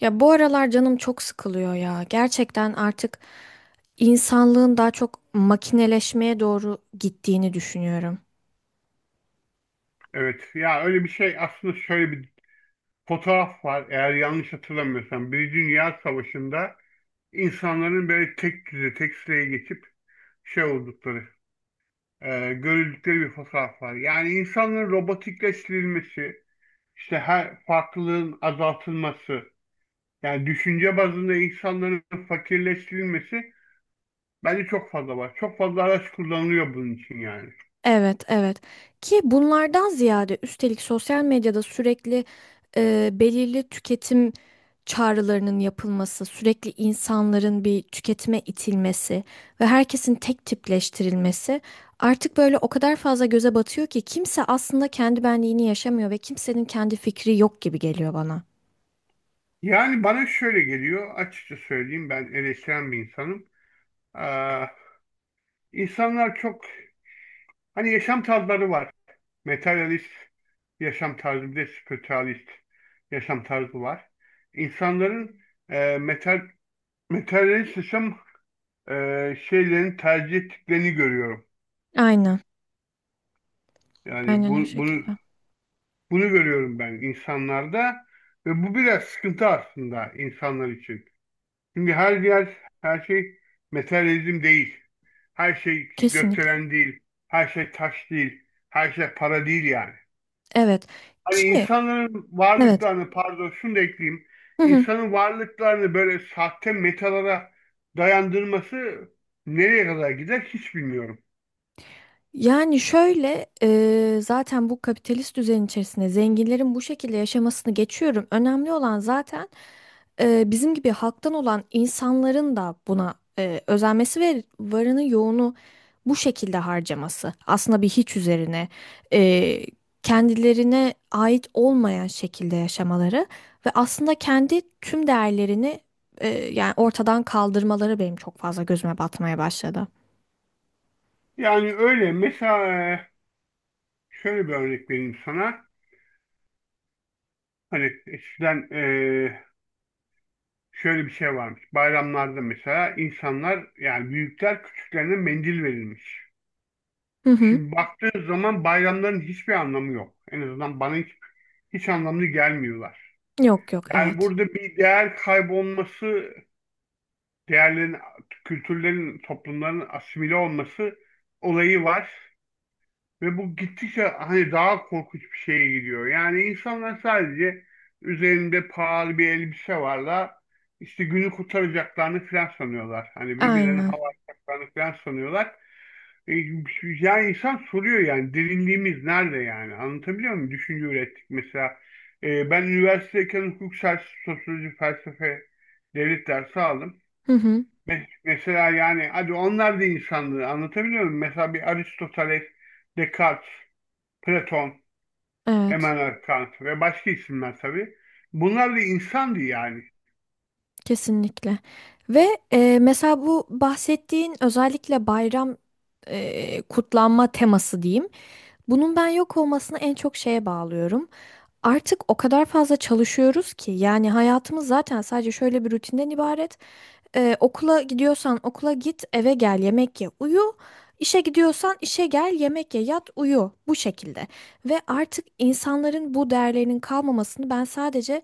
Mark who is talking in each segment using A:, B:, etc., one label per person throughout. A: Ya bu aralar canım çok sıkılıyor ya. Gerçekten artık insanlığın daha çok makineleşmeye doğru gittiğini düşünüyorum.
B: Evet ya öyle bir şey aslında şöyle bir fotoğraf var eğer yanlış hatırlamıyorsam. Bir Dünya Savaşı'nda insanların böyle tek düze tek sıraya geçip şey oldukları görüldükleri bir fotoğraf var. Yani insanların robotikleştirilmesi işte her farklılığın azaltılması yani düşünce bazında insanların fakirleştirilmesi bence çok fazla var. Çok fazla araç kullanılıyor bunun için yani.
A: Evet, evet. Ki bunlardan ziyade üstelik sosyal medyada sürekli belirli tüketim çağrılarının yapılması, sürekli insanların bir tüketime itilmesi ve herkesin tek tipleştirilmesi artık böyle o kadar fazla göze batıyor ki kimse aslında kendi benliğini yaşamıyor ve kimsenin kendi fikri yok gibi geliyor bana.
B: Yani bana şöyle geliyor, açıkça söyleyeyim, ben eleştiren bir insanım. İnsanlar çok hani yaşam tarzları var. Materyalist yaşam tarzı bir de spiritualist yaşam tarzı var. İnsanların e, metal, materyalist yaşam e, şeylerin tercih ettiklerini görüyorum.
A: Aynen.
B: Yani
A: Aynen o
B: bunu
A: şekilde.
B: bunu görüyorum ben insanlarda ve bu biraz sıkıntı aslında insanlar için. Çünkü her yer, her şey materyalizm değil. Her şey
A: Kesinlikle.
B: gökdelen değil. Her şey taş değil. Her şey para değil yani.
A: Evet.
B: Hani
A: Ki
B: insanların
A: evet.
B: varlıklarını, pardon şunu da ekleyeyim.
A: Hı hı.
B: İnsanın varlıklarını böyle sahte metalara dayandırması nereye kadar gider hiç bilmiyorum.
A: Yani şöyle zaten bu kapitalist düzen içerisinde zenginlerin bu şekilde yaşamasını geçiyorum. Önemli olan zaten bizim gibi halktan olan insanların da buna özenmesi ve varını yoğunu bu şekilde harcaması. Aslında bir hiç üzerine eee, kendilerine ait olmayan şekilde yaşamaları ve aslında kendi tüm değerlerini yani ortadan kaldırmaları benim çok fazla gözüme batmaya başladı.
B: Yani öyle mesela şöyle bir örnek vereyim sana. Hani eskiden şöyle bir şey varmış. Bayramlarda mesela insanlar, yani büyükler küçüklerine mendil verilmiş.
A: Hı hı.
B: Şimdi baktığın zaman bayramların hiçbir anlamı yok. En azından bana hiç, hiç anlamlı gelmiyorlar.
A: Yok yok,
B: Yani
A: evet.
B: burada bir değer kaybolması, değerlerin, kültürlerin, toplumların asimile olması olayı var. Ve bu gittikçe hani daha korkunç bir şeye gidiyor. Yani insanlar sadece üzerinde pahalı bir elbise varla işte günü kurtaracaklarını falan sanıyorlar. Hani birbirlerine
A: Aynen.
B: hava atacaklarını falan sanıyorlar. E, Yani insan soruyor, yani derinliğimiz nerede yani? Anlatabiliyor muyum? Düşünce ürettik mesela. Ben üniversitedeyken hukuk, siyaset, sosyoloji, felsefe, devlet dersi aldım.
A: Hı hı.
B: Mesela yani hadi onlar da insandı, anlatabiliyor muyum? Mesela bir Aristoteles, Descartes, Platon,
A: Evet.
B: Immanuel Kant ve başka isimler tabii. Bunlar da insandı yani.
A: Kesinlikle. Ve mesela bu bahsettiğin özellikle bayram kutlanma teması diyeyim. Bunun ben yok olmasını en çok şeye bağlıyorum. Artık o kadar fazla çalışıyoruz ki yani hayatımız zaten sadece şöyle bir rutinden ibaret. Okula gidiyorsan okula git, eve gel, yemek ye, uyu. İşe gidiyorsan işe gel, yemek ye, yat, uyu. Bu şekilde. Ve artık insanların bu değerlerinin kalmamasını ben sadece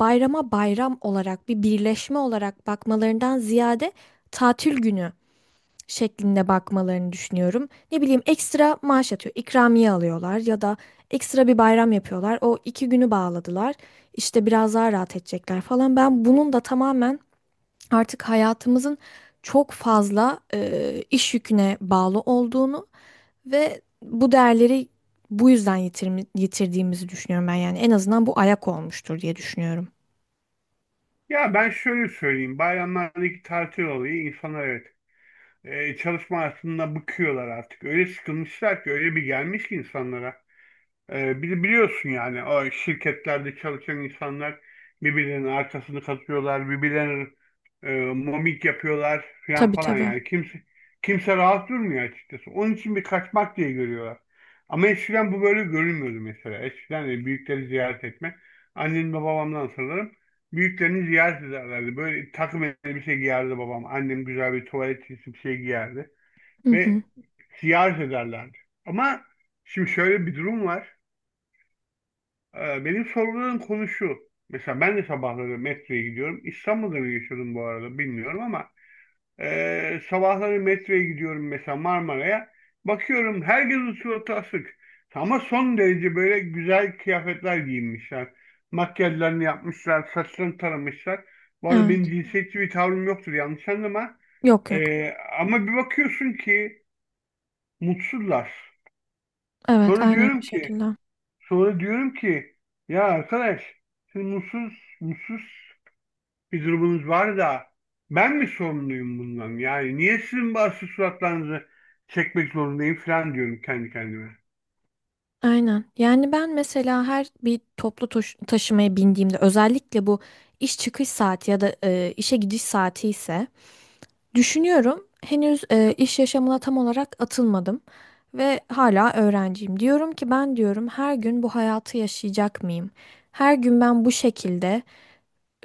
A: bayrama bayram olarak bir birleşme olarak bakmalarından ziyade tatil günü şeklinde bakmalarını düşünüyorum. Ne bileyim ekstra maaş atıyor, ikramiye alıyorlar ya da ekstra bir bayram yapıyorlar. O iki günü bağladılar. İşte biraz daha rahat edecekler falan. Ben bunun da tamamen artık hayatımızın çok fazla iş yüküne bağlı olduğunu ve bu değerleri bu yüzden yitirdiğimizi düşünüyorum ben, yani en azından bu ayak olmuştur diye düşünüyorum.
B: Ya ben şöyle söyleyeyim. Bayramlardaki tatil olayı, insanlar, evet, çalışma hayatında bıkıyorlar artık. Öyle sıkılmışlar ki, öyle bir gelmiş ki insanlara. Biliyorsun yani, o şirketlerde çalışan insanlar birbirlerinin arkasını katıyorlar, birbirlerine momik yapıyorlar falan
A: Tabii
B: falan,
A: tabii.
B: yani kimse rahat durmuyor açıkçası. Onun için bir kaçmak diye görüyorlar. Ama eskiden bu böyle görünmüyordu mesela. Eskiden de büyükleri ziyaret etme. Annem ve babamdan sanırım. Büyüklerini ziyaret ederlerdi. Böyle takım elbise giyerdi babam. Annem güzel bir tuvalet çizgisi bir şey giyerdi.
A: Hı hı.
B: Ve ziyaret ederlerdi. Ama şimdi şöyle bir durum var. Benim sorguladığım konu şu. Mesela ben de sabahları metroya gidiyorum. İstanbul'da mı yaşıyordum bu arada bilmiyorum ama sabahları metroya gidiyorum mesela, Marmara'ya. Bakıyorum herkesin suratı asık. Ama son derece böyle güzel kıyafetler giyinmişler. Makyajlarını yapmışlar, saçlarını taramışlar. Bu arada benim
A: Evet.
B: cinsiyetçi bir tavrım yoktur, yanlış anlama.
A: Yok yok.
B: E, ama bir bakıyorsun ki mutsuzlar.
A: Evet,
B: Sonra
A: aynen o
B: diyorum ki
A: şekilde.
B: Sonra diyorum ki ya arkadaş, siz mutsuz, mutsuz bir durumunuz var da ben mi sorumluyum bundan? Yani niye sizin bazı suratlarınızı çekmek zorundayım falan diyorum kendi kendime.
A: Aynen. Yani ben mesela her bir taşımaya bindiğimde özellikle bu iş çıkış saati ya da işe gidiş saati ise düşünüyorum. Henüz iş yaşamına tam olarak atılmadım ve hala öğrenciyim. Diyorum ki ben, diyorum, her gün bu hayatı yaşayacak mıyım? Her gün ben bu şekilde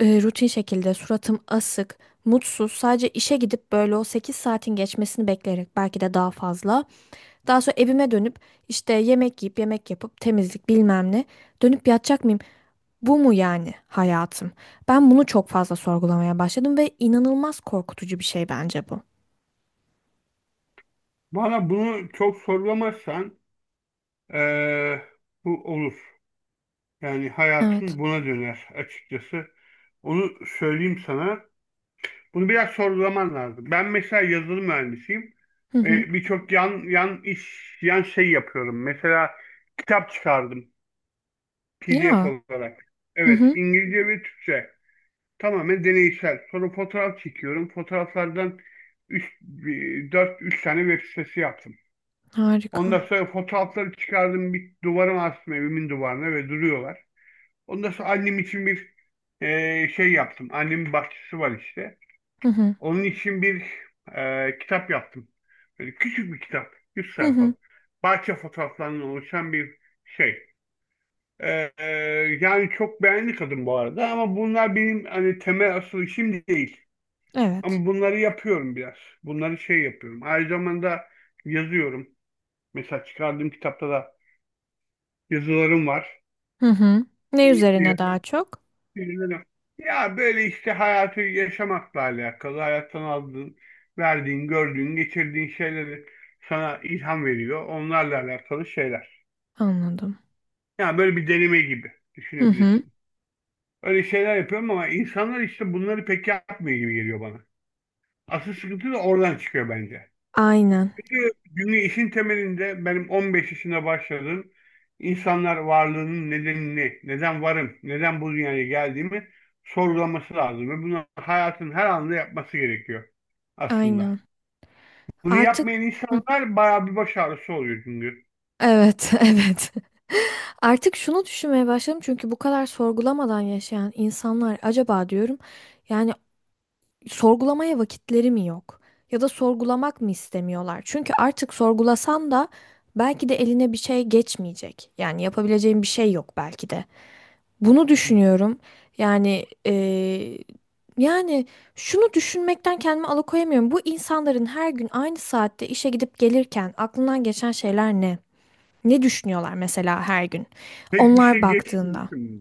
A: rutin şekilde suratım asık, mutsuz, sadece işe gidip böyle o 8 saatin geçmesini bekleyerek belki de daha fazla. Daha sonra evime dönüp işte yemek yiyip yemek yapıp temizlik bilmem ne dönüp yatacak mıyım? Bu mu yani hayatım? Ben bunu çok fazla sorgulamaya başladım ve inanılmaz korkutucu bir şey bence bu.
B: Bana bunu çok sorgulamazsan eee, bu olur. Yani
A: Evet.
B: hayatın buna döner açıkçası. Onu söyleyeyim sana. Bunu biraz sorgulaman lazım. Ben mesela yazılım mühendisiyim.
A: Hı hı.
B: Birçok yan iş, yan şey yapıyorum. Mesela kitap çıkardım. PDF
A: Ya.
B: olarak.
A: Hı
B: Evet,
A: hı.
B: İngilizce ve Türkçe. Tamamen deneysel. Sonra fotoğraf çekiyorum. Fotoğraflardan 4-3 tane web sitesi yaptım.
A: Harika.
B: Ondan sonra fotoğrafları çıkardım, bir duvara astım, evimin duvarına ve duruyorlar. Ondan sonra annem için bir şey yaptım. Annemin bahçesi var işte.
A: Hı hı.
B: Onun için bir kitap yaptım. Böyle küçük bir kitap. 100
A: Hı hı.
B: sayfalık. Bahçe fotoğraflarından oluşan bir şey. Ee, e, yani çok beğendi kadın bu arada, ama bunlar benim hani temel asıl işim değil.
A: Evet.
B: Ama bunları yapıyorum biraz. Bunları şey yapıyorum. Aynı zamanda yazıyorum. Mesela çıkardığım kitapta da yazılarım var.
A: Hı hı. Ne üzerine daha
B: Şiirlerim-
A: çok?
B: şiirlerim. Ya, böyle işte hayatı yaşamakla alakalı, hayattan aldığın, verdiğin, gördüğün, geçirdiğin şeyleri sana ilham veriyor. Onlarla alakalı şeyler.
A: Anladım.
B: Yani böyle bir deneme gibi
A: Hı hı.
B: düşünebilirsin. Öyle şeyler yapıyorum, ama insanlar işte bunları pek yapmıyor gibi geliyor bana. Asıl sıkıntı da oradan çıkıyor bence.
A: Aynen.
B: Çünkü günlüğü işin temelinde, benim 15 yaşında başladığım, insanlar varlığının nedenini, neden varım, neden bu dünyaya geldiğimi sorgulaması lazım. Ve bunu hayatın her anında yapması gerekiyor aslında.
A: Aynen.
B: Bunu
A: Artık
B: yapmayan
A: hı,
B: insanlar bayağı bir baş ağrısı oluyor çünkü.
A: evet, evet. Artık şunu düşünmeye başladım, çünkü bu kadar sorgulamadan yaşayan insanlar acaba diyorum. Yani sorgulamaya vakitleri mi yok? Ya da sorgulamak mı istemiyorlar? Çünkü artık sorgulasan da belki de eline bir şey geçmeyecek. Yani yapabileceğin bir şey yok belki de. Bunu düşünüyorum. Yani yani şunu düşünmekten kendimi alıkoyamıyorum. Bu insanların her gün aynı saatte işe gidip gelirken aklından geçen şeyler ne? Ne düşünüyorlar mesela her gün?
B: Pek bir
A: Onlar
B: şey
A: baktığında.
B: geçmiyor.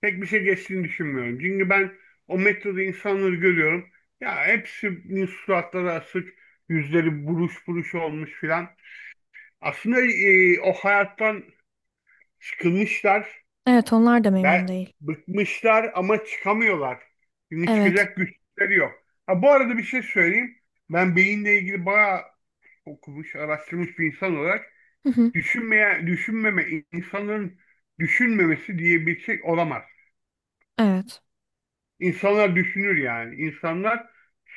B: Pek bir şey geçtiğini düşünmüyorum. Çünkü ben o metroda insanları görüyorum. Ya, hepsinin suratları asık, yüzleri buruş buruş olmuş filan. Aslında o hayattan sıkılmışlar
A: Evet, onlar da memnun
B: ve
A: değil.
B: bıkmışlar ama çıkamıyorlar. Çünkü
A: Evet.
B: çıkacak güçleri yok. Ha, bu arada bir şey söyleyeyim. Ben beyinle ilgili bayağı okumuş, araştırmış bir insan olarak,
A: Hı hı.
B: düşünmeye, düşünmeme, insanların düşünmemesi diye bir şey olamaz.
A: Evet.
B: İnsanlar düşünür yani. İnsanlar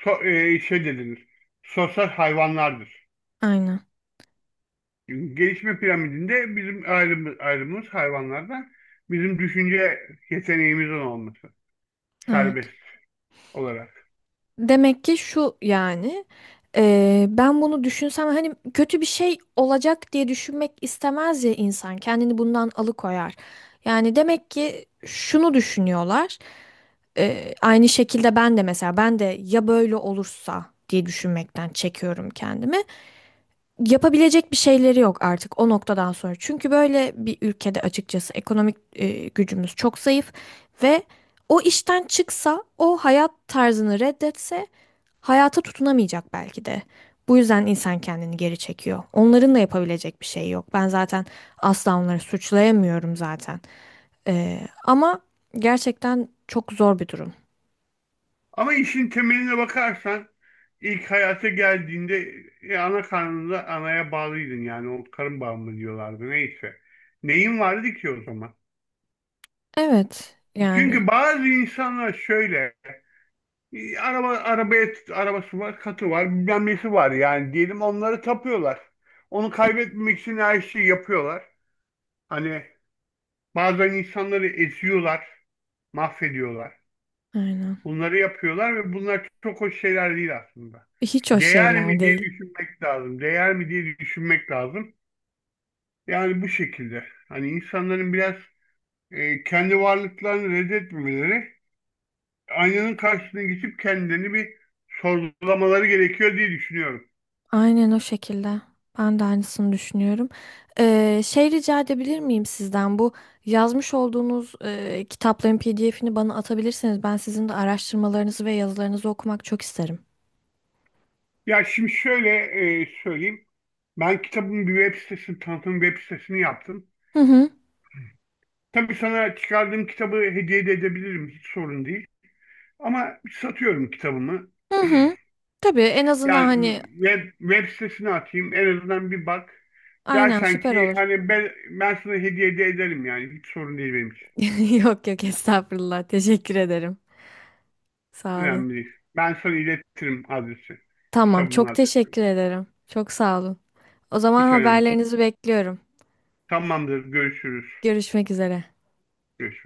B: şey dediğimiz sosyal hayvanlardır.
A: Aynen.
B: Gelişme piramidinde bizim ayrımımız hayvanlardan, bizim düşünce yeteneğimizin olması, serbest
A: Evet.
B: olarak.
A: Demek ki şu, yani ben bunu düşünsem hani kötü bir şey olacak diye düşünmek istemez ya insan, kendini bundan alıkoyar. Yani demek ki şunu düşünüyorlar aynı şekilde ben de, mesela ben de ya böyle olursa diye düşünmekten çekiyorum kendimi. Yapabilecek bir şeyleri yok artık o noktadan sonra. Çünkü böyle bir ülkede açıkçası ekonomik gücümüz çok zayıf ve o işten çıksa, o hayat tarzını reddetse hayata tutunamayacak belki de. Bu yüzden insan kendini geri çekiyor. Onların da yapabilecek bir şey yok. Ben zaten asla onları suçlayamıyorum zaten. Ama gerçekten çok zor bir durum.
B: Ama işin temeline bakarsan, ilk hayata geldiğinde ana karnında anaya bağlıydın, yani o karın bağı mı diyorlardı neyse. Neyin vardı ki o zaman?
A: Evet, yani
B: Çünkü bazı insanlar şöyle arabası var, katı var, bilmem nesi var, yani diyelim onları tapıyorlar. Onu kaybetmemek için her şeyi yapıyorlar. Hani bazen insanları eziyorlar, mahvediyorlar.
A: aynen.
B: Bunları yapıyorlar ve bunlar çok hoş şeyler değil aslında.
A: Hiç hoş
B: Değer mi
A: şeyler
B: diye
A: değil.
B: düşünmek lazım. Değer mi diye düşünmek lazım. Yani bu şekilde. Hani insanların biraz kendi varlıklarını reddetmemeleri, aynanın karşısına geçip kendilerini bir sorgulamaları gerekiyor diye düşünüyorum.
A: Aynen o şekilde. Ben de aynısını düşünüyorum. Şey, rica edebilir miyim sizden? Bu yazmış olduğunuz kitapların PDF'ini bana atabilirseniz ben sizin de araştırmalarınızı ve yazılarınızı okumak çok isterim.
B: Ya, şimdi şöyle söyleyeyim. Ben kitabın bir web sitesini, tanıtım web sitesini yaptım.
A: Hı hı.
B: Tabii sana çıkardığım kitabı hediye de edebilirim. Hiç sorun değil. Ama satıyorum kitabımı.
A: Hı hı. Tabii, en azından
B: Yani
A: hani
B: web sitesine atayım. En azından bir bak.
A: aynen,
B: Dersen
A: süper
B: ki
A: olur.
B: hani ben sana hediye de ederim yani. Hiç sorun değil benim için.
A: Yok yok, estağfurullah. Teşekkür ederim. Sağ olun.
B: Önemli değil. Ben sana iletirim adresi.
A: Tamam,
B: Kitabımın
A: çok
B: adresi.
A: teşekkür ederim. Çok sağ olun. O zaman
B: Hiç önemli değil.
A: haberlerinizi bekliyorum.
B: Tamamdır. Görüşürüz.
A: Görüşmek üzere.
B: Görüşürüz.